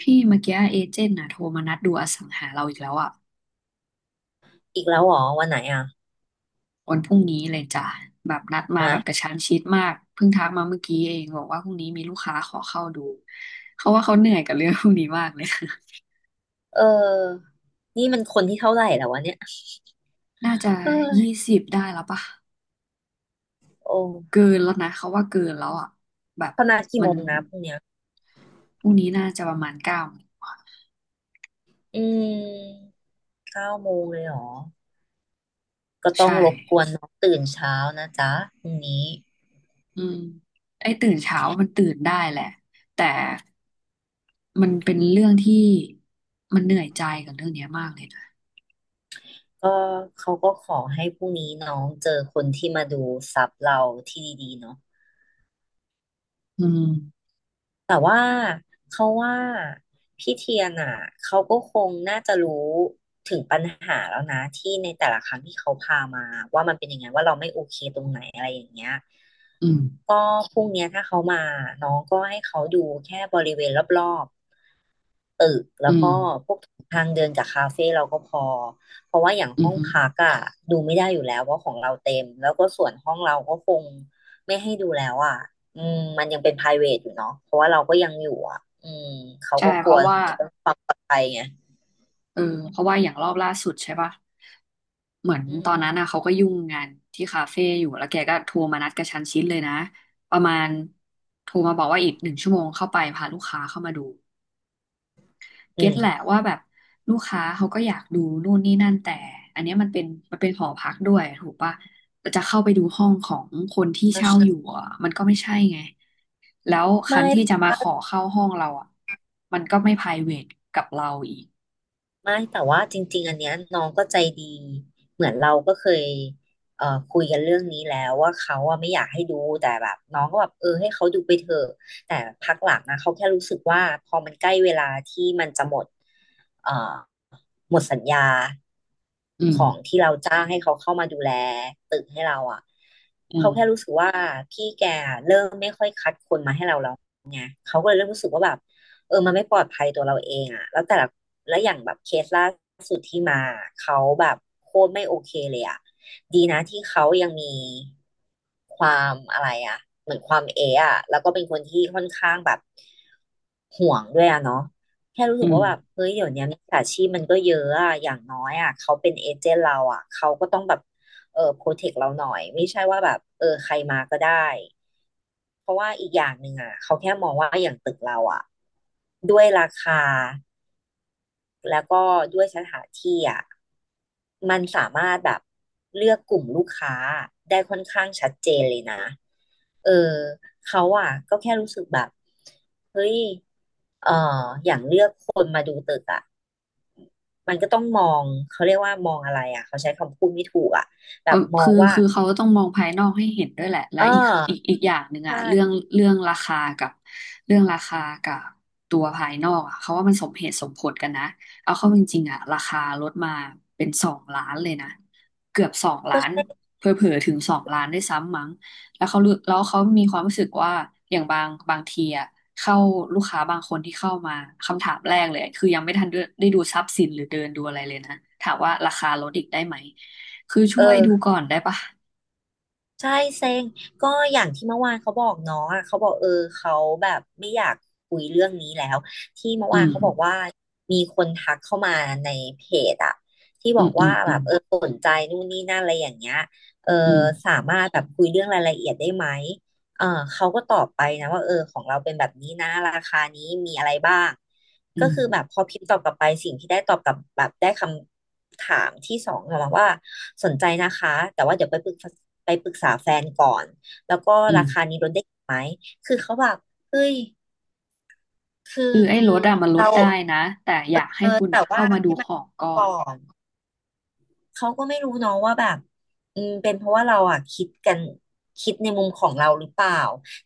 พี่เมื่อกี้เอเจนต์น่ะโทรมานัดดูอสังหาเราอีกแล้วอ่ะอีกแล้วเหรอวันไหนอ่ะวันพรุ่งนี้เลยจ้ะแบบนัดมาแบบกอ่ะระชั้นชิดมากเพิ่งทักมาเมื่อกี้เองบอกว่าพรุ่งนี้มีลูกค้าขอเข้าดูเขาว่าเขาเหนื่อยกับเรื่องพวกนี้มากเลย เออ นี่มันคนที่เท่าไหร่แล้ววะเนี่ย น่าจะเออ20ได้แล้วปะโอ้เกินแล้วนะเขาว่าเกินแล้วอ่ะแบบเขานัดกี่มัโมนงนะพรุ่งเนี้ยพรุ่งนี้น่าจะประมาณ9อืมเก้าโมงเลยเหรอก็ต้อใช่งรบกวนน้องตื่นเช้านะจ๊ะพรุ่งนี้อืมไอ้ตื่นเช้ามันตื่นได้แหละแต่มันเป็นเรื่องที่มันเหนื่อยใจกับเรื่องเนี้ยมากเลยนะ ก็เขาก็ขอให้พรุ่งนี้น้องเจอคนที่มาดูซับเราที่ดีๆเนาะ อืม แต่ว่าเขาว่าพี่เทียนอ่ะเขาก็คงน่าจะรู้ถึงปัญหาแล้วนะที่ในแต่ละครั้งที่เขาพามาว่ามันเป็นยังไงว่าเราไม่โอเคตรงไหนอะไรอย่างเงี้ยอืม ก็พรุ่งเนี้ยถ้าเขามาน้องก็ให้เขาดูแค่บริเวณรอบ ตึกแล้อืวก็ม พวกทางเดินกับคาเฟ่เราก็พอเพราะว่าอย่างอืห้มองฮึพักอะดูไม่ได้อยู่แล้วเพราะของเราเต็มแล้วก็ส่วนห้องเราก็คงไม่ให้ดูแล้วอะอืมมันยังเป็น private อยู่เนาะเพราะว่าเราก็ยังอยู่อะอืมเขาใช่ ก็กเพลัวราะถึว่างเรื่องความปลอดภัยไงเออเพราะว่าอย่างรอบล่าสุดใช่ปะ เหมือนอืตอนมนั้นน่ะเขาก็ยุ่งงานที่คาเฟ่อยู่ แล้วแกก็โทรมานัดกระชั้นชิดเลยนะ ประมาณโทรมาบอกว่าอีก1 ชั่วโมงเข้าไปพาลูกค้าเข้ามาดู เก็อืตแหละมว่าแบบลูกค้าเขาก็อยากดูนู่นนี่นั่นแต่อันเนี้ยมันเป็นมันเป็นหอพักด้วยถูกปะจะเข้าไปดูห้องของคนที่เช่าอไมยู่อ่ะมันก็ไม่ใช่ไงแล้วคันที่่ จะมาขอเข้าห้องเราอ่ะมันก็ไม่ private กับเราอีกไม่แต่ว่าจริงๆอันเนี้ยน้องก็ใจดีเหมือนเราก็เคยคุยกันเรื่องนี้แล้วว่าเขาอะไม่อยากให้ดูแต่แบบน้องก็แบบเออให้เขาดูไปเถอะแต่พักหลังนะเขาแค่รู้สึกว่าพอมันใกล้เวลาที่มันจะหมดเอ่อหมดสัญญาอืมของที่เราจ้างให้เขาเข้ามาดูแลตึกให้เราอะอืเขามแค่รู้สึกว่าพี่แกเริ่มไม่ค่อยคัดคนมาให้เราแล้วไงเขาก็เลยเริ่มรู้สึกว่าแบบ เออมันไม่ปลอดภัยตัวเราเองอะแล้วแต่ละแล้วอย่างแบบเคสล่าสุดที่มาเขาแบบโคตรไม่โอเคเลยอะดีนะที่เขายังมีความอะไรอะเหมือนความเอะอะแล้วก็เป็นคนที่ค่อนข้างแบบ ห่วงด้วยอะเนาะแค่รู้อืสึกม ว่าแบบเฮ้ยเดี๋ยวนี้ยมิจฉาชีพมันก็เยอะอะอย่างน้อยอะเขาเป็นเอเจนต์เราอะเขาก็ต้องแบบเออโปรเทคเราหน่อยไม่ใช่ว่าแบบเออใครมาก็ได้เพราะว่าอีกอย่างหนึ่งอะเขาแค่มองว่าอย่างตึกเราอะด้วยราคาแล้วก็ด้วยสถานที่อะมันสามารถแบบเลือกกลุ่มลูกค้าได้ค่อนข้างชัดเจนเลยนะเออเขาอะก็แค่รู้สึกแบบเฮ้ย เอ่ออย่างเลือกคนมาดูตึกอ่ะมันก็ต้องมอง เขาเรียกว่ามองอะไรอ่ะเขาใช้คำพูดไม่ถูกอ่ะแบเออบมอคืงอว่าคือเขาต้องมองภายนอกให้เห็นด้วยแหละแลเอวอีกอีกออีกอย่างหนึ่งอะเรื่องใช่เรื่องราคากับเรื่องราคากับตัวภายนอกอะเขาว่ามันสมเหตุสมผลกันนะเอาเข้าจริงๆอะราคาลดมาเป็นสองล้านเลยนะเกือบสองก็ล้านใช่เผลอๆถึงสองล้านด้วยซ้ำมั้งแล้วเขารู้แล้วเขามีความรู้สึกว่าอย่างบางทีอะเข้าลูกค้าบางคนที่เข้ามาคำถามแรกเลยคือยังไม่ทันได้ดูทรัพย์สินหรือเดินดูอะไรเลยนะถามว่าราคาลดอีกได้ไหม คือช่เอวยอดูก่อนได้ปะใช่เซ็งก็อย่างที่เมื่อวานเขาบอกน้องอ่ะเขาบอกเออเขาแบบไม่อยากคุยเรื่องนี้แล้วที่เมื่อวาอืนมเขาบอกว่ามีคนทักเข้ามาในเพจอ่ะที่บอือมกอืว่ามอืแบมบเออสนใจนู่นนี่นั่นอะไรอย่างเงี้ยเอออืมสามารถแบบคุยเรื่องรายละเอียดได้ไหม เออเขาก็ตอบไปนะว่าเออของเราเป็นแบบนี้นะราคานี้มีอะไรบ้างอืก็มคือแบบพอพิมพ์ตอบกลับไปสิ่งที่ได้ตอบกลับแบบได้คำถามที่สองกลับมาว่าสนใจนะคะแต่ว่าเดี๋ยวไปปรึกษาแฟนก่อนแล้วก็อืมราคานี้ลดได้อีกไหมคือเขาแบบเฮ้ยคือคือไอ้ลดอะมันลดเราได้นะแต่อยากให้เออคุณแต่อะว่าเข้ามาดูให้มัขนองก่อก่อนน เขาก็ไม่รู้เนาะว่าแบบอืมเป็นเพราะว่าเราอ่ะคิดในมุมของเราหรือเปล่า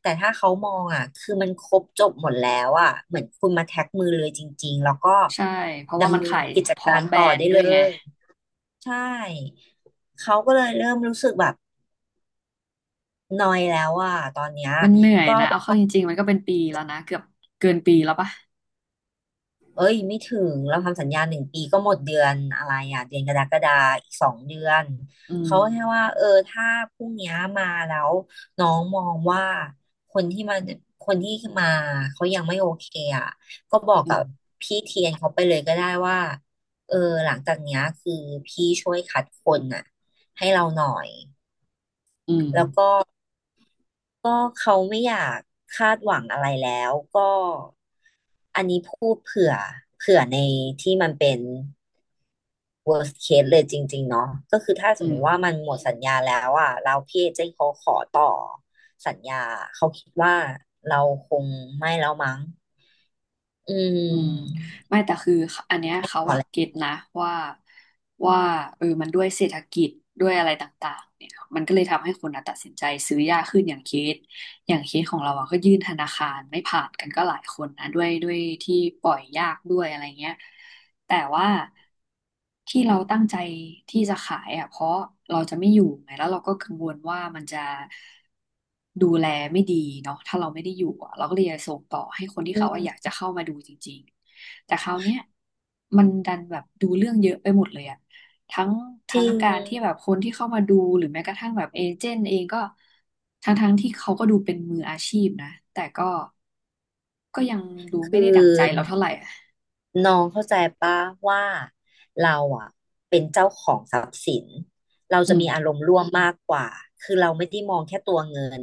แต่ถ้าเขามองอ่ะคือมันครบจบหมดแล้วอ่ะเหมือนคุณมาแท็กมือเลยจริงๆแล้วก็ใช่เพราะว่าดำมันเนินขายกิจพร้อกามรแบรต่อนได้ด์ด้วเลยไงยใช่เขาก็เลยเริ่มรู้สึกแบบนอยแล้วอ่ะตอนเนี้ยมันเหนื่อยก็นะไป เอาเข้าจริงๆมันก็เป็นปีแล้วนะเกือบเกินปีแล้วปะเอ้ยไม่ถึงเราทำสัญญาหนึ่งปีก็หมดเดือนอะไรอ่ะเดือนกรกฎาอีกสองเดือนอืเขามแค่ว่าเออถ้าพรุ่งเนี้ยมาแล้วน้องมองว่าคนที่มาคนที่มาเขายังไม่โอเคอ่ะก็บอกอืกับมพี่เทียนเขาไปเลยก็ได้ว่าเออหลังจากเนี้ยคือพี่ช่วยคัดคนน่ะให้เราหน่อยอืมก็เขาไม่อยากคาดหวังอะไรแล้วก็ อันนี้พูดเผื่อในที่มันเป็น worst case เลยจริงๆ เนาะก็คือถ้าสอืมมม ติว่ามันหมดสัญญาแล้วอ่ะเราพี่เอเจนต์เขาขอต่อสัญญา เขาคิดว่าเราคงไม่แล้วมั้งอือืมมไม่แต่คืออันเนี้ยเขาอะเก็ตนะว่าว่าเออมันด้วยเศรษฐกิจด้วยอะไรต่างๆเนี่ยมันก็เลยทำให้คนอะตัดสินใจซื้อยากขึ้นอย่างเคสอย่างเคสของเราอะก็ยื่นธนาคารไม่ผ่านกันก็หลายคนนะด้วยที่ปล่อยยากด้วยอะไรเงี้ย แต่ว่าที่เราตั้งใจที่จะขายอ่ะเพราะเราจะไม่อยู่ไงแล้วเราก็กังวลว่ามันจะดูแลไม่ดีเนาะถ้าเราไม่ได้อยู่อ่ะเราก็เลยจะส่งต่อให้คนที่อืเขาว่าอยากม จะเข้ามาดูจริงๆแต่คราวเนี้ยมันดันแบบดูเรื่องเยอะไปหมดเลยอ่ะทั้งจทั้ริงง การที่แบบคนที่เข้ามาดูหรือแม้กระทั่งแบบเอเจนต์เองก็ทั้งที่เขาก็ดูเป็นมืออาชีพนะแต่ก็ยังดูไม่ได้ดั่งใจเราเท่าไหร่อ่ะน้องเข้าใจปะว่าเราอ่ะเป็นเจ้าของทรัพย์สินเราอืจะมมีอารมณ์ร่วมมากกว่าคือเราไม่ได้มองแค่ตัวเงิน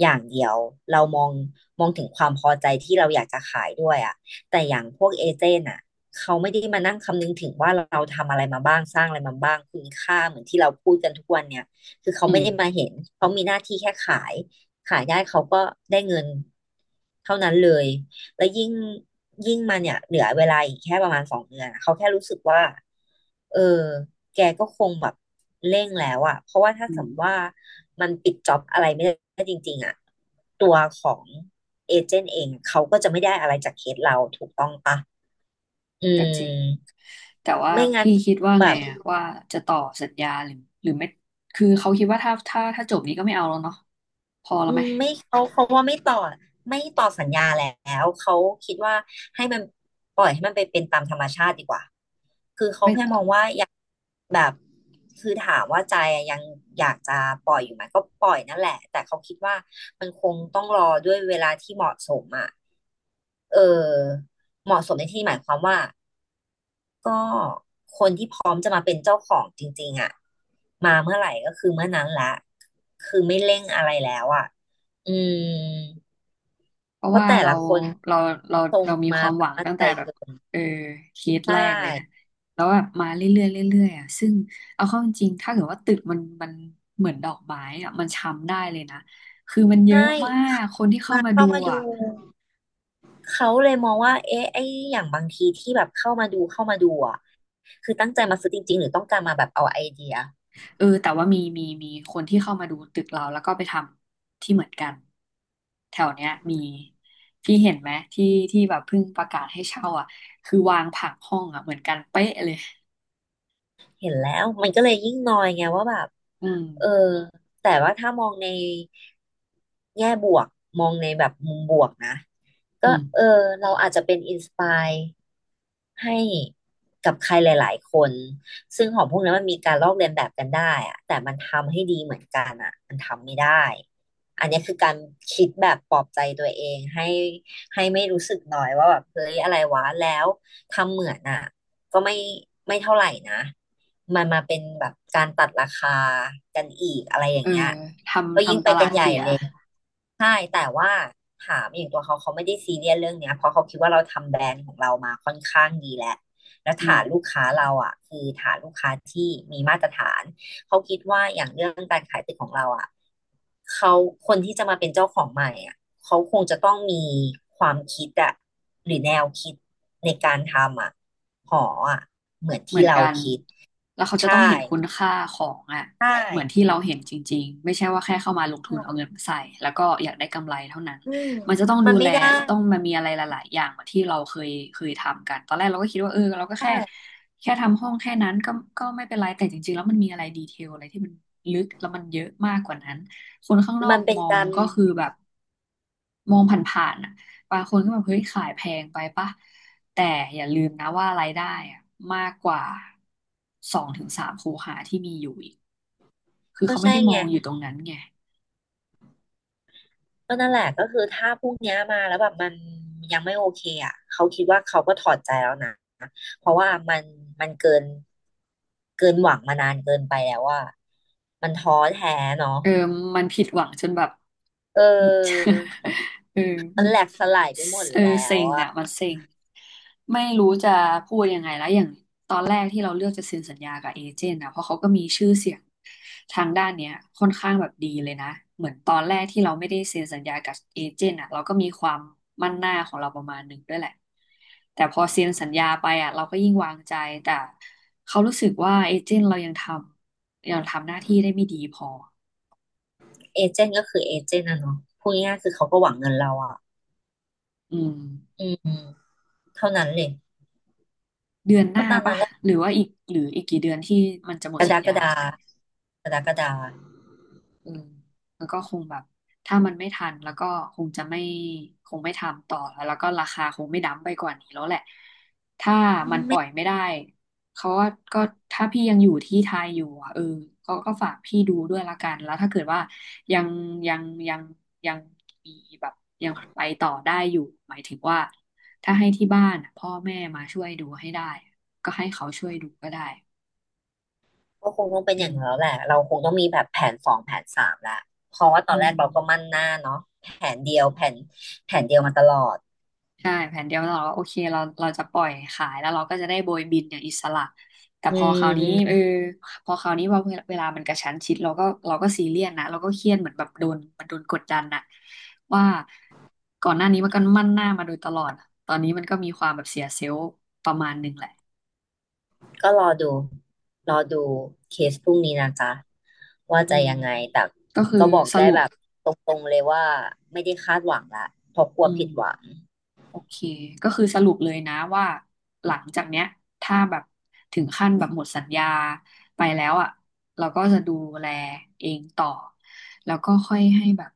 อย่างเดียวเรามองถึงความพอใจที่เราอยากจะขายด้วยอ่ะแต่อย่างพวกเอเจนต์อ่ะเขาไม่ได้มานั่งคำนึงถึงว่าเราทำอะไรมาบ้างสร้างอะไรมาบ้างคุณค่าเหมือนที่เราพูดกันทุกวันเนี่ยคือเขาอืไม่ม ได้มาเห็นเขามีหน้าที่แค่ขายขายได้เขาก็ได้เงินเท่านั้นเลย แล้วยิ่งมาเนี่ยเหลือเวลาอีกแค่ประมาณ2 เดือนอะเขาแค่รู้สึกว่าเออแกก็คงแบบเร่งแล้วอะเพราะว่าถ้าอืสมมมติว่ามันปิดจ็อบอะไรไม่ได้จริงๆอะตัวของเอเจนต์เองเขาก็จะไม่ได้อะไรจากเคสเราถูกต้องปะอืก็จริงมแต่ว่าไม่งั้นพี่คิดว่าแบไงบอะว่าจะต่อสัญญาหรือหรือไม่คือเขาคิดว่าถ้าจบนี้ก็ไม่เอาแล้วเนาะพอแล้วอืไหมมไม่เขาว่าไม่ต่อไม่ต่อสัญญาแล้วเขาคิดว่าให้มันปล่อยให้มันไปเป็นตามธรรมชาติดีกว่า ไม่อยากแบบคือถามว่าใจอะยังอยากจะปล่อยอยู่ไหมก็ปล่อยนั่นแหละแต่เขาคิดว่ามันคงต้องรอด้วยเวลาที่เหมาะสมอ่ะเออเหมาะสมในที่นี้หมายความว่าก็คนที่พร้อมจะมาเป็นเจ้าของจริงๆอ่ะมาเมื่อไหร่ก็คือเมื่อนั้นละคือไม่เร่งอะไรแล้วอ่ะอืมเพเพราะราะว่าแต่ละคนเราเราทรงเรามีคมาวามแบหบวังมั่นตั้งใจแต่แบบเกินเออเคสใชแรกเลยนะ่แล้วแบบมาเรื่อยๆเรื่อยๆอ่ะซึ่งเอาเข้าจริงๆถ้าเกิดว่าตึกมันมันเหมือนดอกไม้อ่ะมันช้ำได้เลยนะคือมันเยใช่อะมากคนที่เข้ามามาดูเข้ามาดู อ่ะ เขาเลยมองว่าเอ๊ะไอ้อย่างบางทีที่แบบเข้ามาดูอ่ะคือตั้งใจมาซื้อจริงๆหรือต้องการมาแบบเอาไอเดีย เออแต่ว่ามีคนที่เข้ามาดูตึกเราแล้วก็ไปทำที่เหมือนกันแถวเนี้ยมีพี่เห็นไหมที่แบบเพิ่งประกาศให้เช่าอ่ะคือวางผังห้องอ่ะเหมือนกันเป๊ะเลยเห็นแล้วมันก็เลยยิ่งนอยไงว่าแบบอืมเออแต่ว่าถ้ามองในแง่บวกมองในแบบมุมบวกนะอืก็มเออเราอาจจะเป็นอินสปายให้กับใครหลายๆคนซึ่งของพวกนั้นมันมีการลอกเลียนแบบกันได้อะแต่มันทำให้ดีเหมือนกันอะมันทำไม่ได้อันนี้คือการคิดแบบปลอบใจตัวเองให้ไม่รู้สึกน้อยว่าแบบเฮ้ยอะไรวะแล้วทำเหมือนอะก็ไม่เท่าไหร่นะ มันมาเป็นแบบการตัดราคากันอีกอะไรอเอย่างอเงี้ยก็ทำยิ่งทำตไปกัลานดใหญ่เสียเลย ใช่ แต่ว่าถามอย่างตัวเขาเขาไม่ได้ซีเรียสเรื่องเนี้ยเพราะเขาคิดว่าเราทำแบรนด์ของเรามาค่อนข้างดีแล้วแล้วอืม ฐานลูกค้าเราอ่ะคือฐานลูกค้าที่มีมาตรฐานเขาคิดว่าอย่างเรื่องการขายตึกของเราอ่ะเขาคนที่จะมาเป็นเจ้าของใหม่อ่ะเขาคงจะต้องมีความคิดอ่ะหรือแนวคิดในการทำอ่ะหออ่ะเหมือนเหมืที่อนเรากันคิดแล้วเขาจะต้องใช่ เห็นคุณค่าของอ่ะใชเหมือนที่่เราเห็นจริงๆไม่ใช่ว่าแค่เข้ามาลงทุใช่นเอาเงินมาใส่แล้วก็อยากได้กำไรเท่านั้นอืมมันจะต้องมัดูนแลไม่ได้จะต้องมันมีอะไรหลายๆอย่างเหมือนที่เราเคยทำกันตอนแรกเราก็คิดว่าเออเราก็แค่ใช่แค่ทำห้องแค่นั้นก็ก็ไม่เป็นไรแต่จริงๆแล้วมันมีอะไรดีเทลอะไรที่มันลึกแล้วมันเยอะมากกว่านั้นคนข้างนอมักนเป็มนองการก็คือแบบมองผ่านๆอ่ะบางคนก็แบบเฮ้ยขายแพงไปปะ แต่อย่าลืมนะว่ารายได้อะมากกว่า2-3 คูหาที่มีอยู่อีกคือก็เขาไม่ใช่ได้มไงองอยู่ตรงนั้นไงก็นั่นแหละก็คือถ้าพวกเนี้ยมาแล้วแบบมันยังไม่โอเคอ่ะเขาคิดว่าเขาก็ถอดใจแล้วนะเพราะว่ามันเกินหวังมานานเกินไปแล้วว่ามันท้อแท้เนาะเออมันผิดหวังจนแบบ เออ เอมันแหลอกสลายไปหมดเออแล้เซ็วงอะอ่ะมันเซ็งไม่รู้จะพูดยังไงแล้วอย่างตอนแรกที่เราเลือกจะเซ็นสัญญากับเอเจนต์นะเพราะเขาก็มีชื่อเสียง ทางด้านเนี้ยค่อนข้างแบบดีเลยนะเหมือนตอนแรกที่เราไม่ได้เซ็นสัญญากับเอเจนต์อ่ะเราก็มีความมั่นหน้าของเราประมาณหนึ่งด้วยแหละแต่พอเซ็นสัญญาไปอ่ะเราก็ยิ่งวางใจแต่เขารู้สึกว่าเอเจนต์เรายังทำหน้าที่ได้ไม่ดีพอเอเจนต์ก็คือเอเจนต์นะเนาะพูดง่ายๆคือเขาก็หวังเงินเราอ่ะอืมอืมเท่านั้นเลยเดือนหก็น้าตามนั้ปะนแหละ หรือว่าอีกกี่เดือนที่มันจะหมกดสัรญกญา ฎากรกฎาอืมแล้วก็คงแบบถ้ามันไม่ทันแล้วก็คงจะไม่คงไม่ทำต่อแล้ว แล้วก็ราคาคงไม่ดั้มไปกว่านี้แล้วแหละ ถ้ามันปล่อยไม่ได้เขาก็ก็ถ้าพี่ยังอยู่ที่ไทยอยู่อ่ะเออเขาก็ฝากพี่ดูด้วยละกันแล้วถ้าเกิดว่ายังยังยังยังมีแบบยังไปต่อได้อยู่หมายถึงว่าถ้าให้ที่บ้านอะพ่อแม่มาช่วยดูให้ได้ ก็ให้เขาช่วยดูก็ได้ก็คงต้องเป็นอือย่ามงนั้นแล้วแหละเราคงต้องมีแบบแผน 2 แผน 3ละเพราะว่าตอือนแรม กเราก็มั่นหน้าเนาะแผนเดียวแผนแผนเดียวมาตลอดใช่แผนเดียวเราก็โอเคเราจะปล่อยขายแล้วเราก็จะได้โบยบินอย่างอิสระแต่อืพอคราวนี้เอมอพอคราวนี้ว่าเวลามันกระชั้นชิดเราก็ซีเรียสนะเราก็เครียดเหมือนแบบโดนกดดันน่ะว่าก่อนหน้านี้มันก็มั่นหน้ามาโดยตลอดตอนนี้มันก็มีความแบบเสียเซลล์ประมาณหนึ่งแหละก็รอดูเคสพรุ่งนี้นะจ๊ะว่าอืจะมยังไงแต่ก็คือก็บอกสได้รุปแบบตรงๆเลยว่าไม่ได้คาดหวังละเพราะกลัอืวม ผิดหวังโอเคก็คือสรุปเลยนะว่าหลังจากเนี้ยถ้าแบบถึงขั้นแบบหมดสัญญาไปแล้วอ่ะเราก็จะดูแลเองต่อแล้วก็ค่อยให้แบบ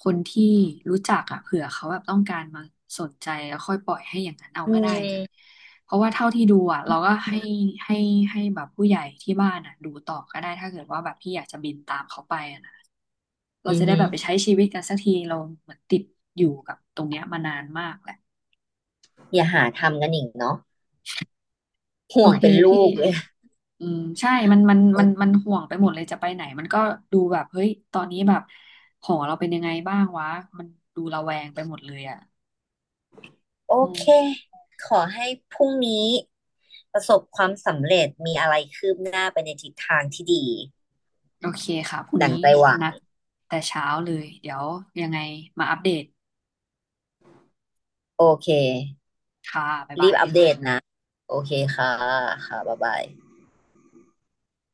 คนที่รู้จักอ่ะเผื่อเขาแบบต้องการมาสนใจแล้วค่อยปล่อยให้อย่างนั้นเอาอืก็มได้เพราะว่าเท่าที่ดูอ่ะเราก็ให้ให้แบบผู้ใหญ่ที่บ้านอ่ะดูต่อก็ได้ถ้าเกิดว่าแบบพี่อยากจะบินตามเขาไปอ่ะนะเราอืจะอได้หืแบอบไปใช้ชีวิตกันสักทีเราเหมือนติดอยู่กับตรงเนี้ยมานานมากแหละ อย่าหาทำกันอีกเนาะโอห่วงเคเป็นลูพี่กเลยเออ อืมใช่มันห่วงไปหมดเลยจะไปไหนมันก็ดูแบบเฮ้ยตอนนี้แบบหอเราเป็นยังไงบ้างวะมันดูระแวงไปหมดเลยอ่ะโออืมเค ขอให้พรุ่งนี้ประสบความสำเร็จ มีอะไรคืบหน้าไปในทิศทางที่ดีโอเคค่ะพรุ่งดั่นี้งใจหวังนัดแต่เช้าเลยเดี๋ยวยังไงมาอัปเดตโอเค ค่ะบ๊ายรีบาบยอัปเดตนะ โอเคค่ะค่ะ บ๊ายบาย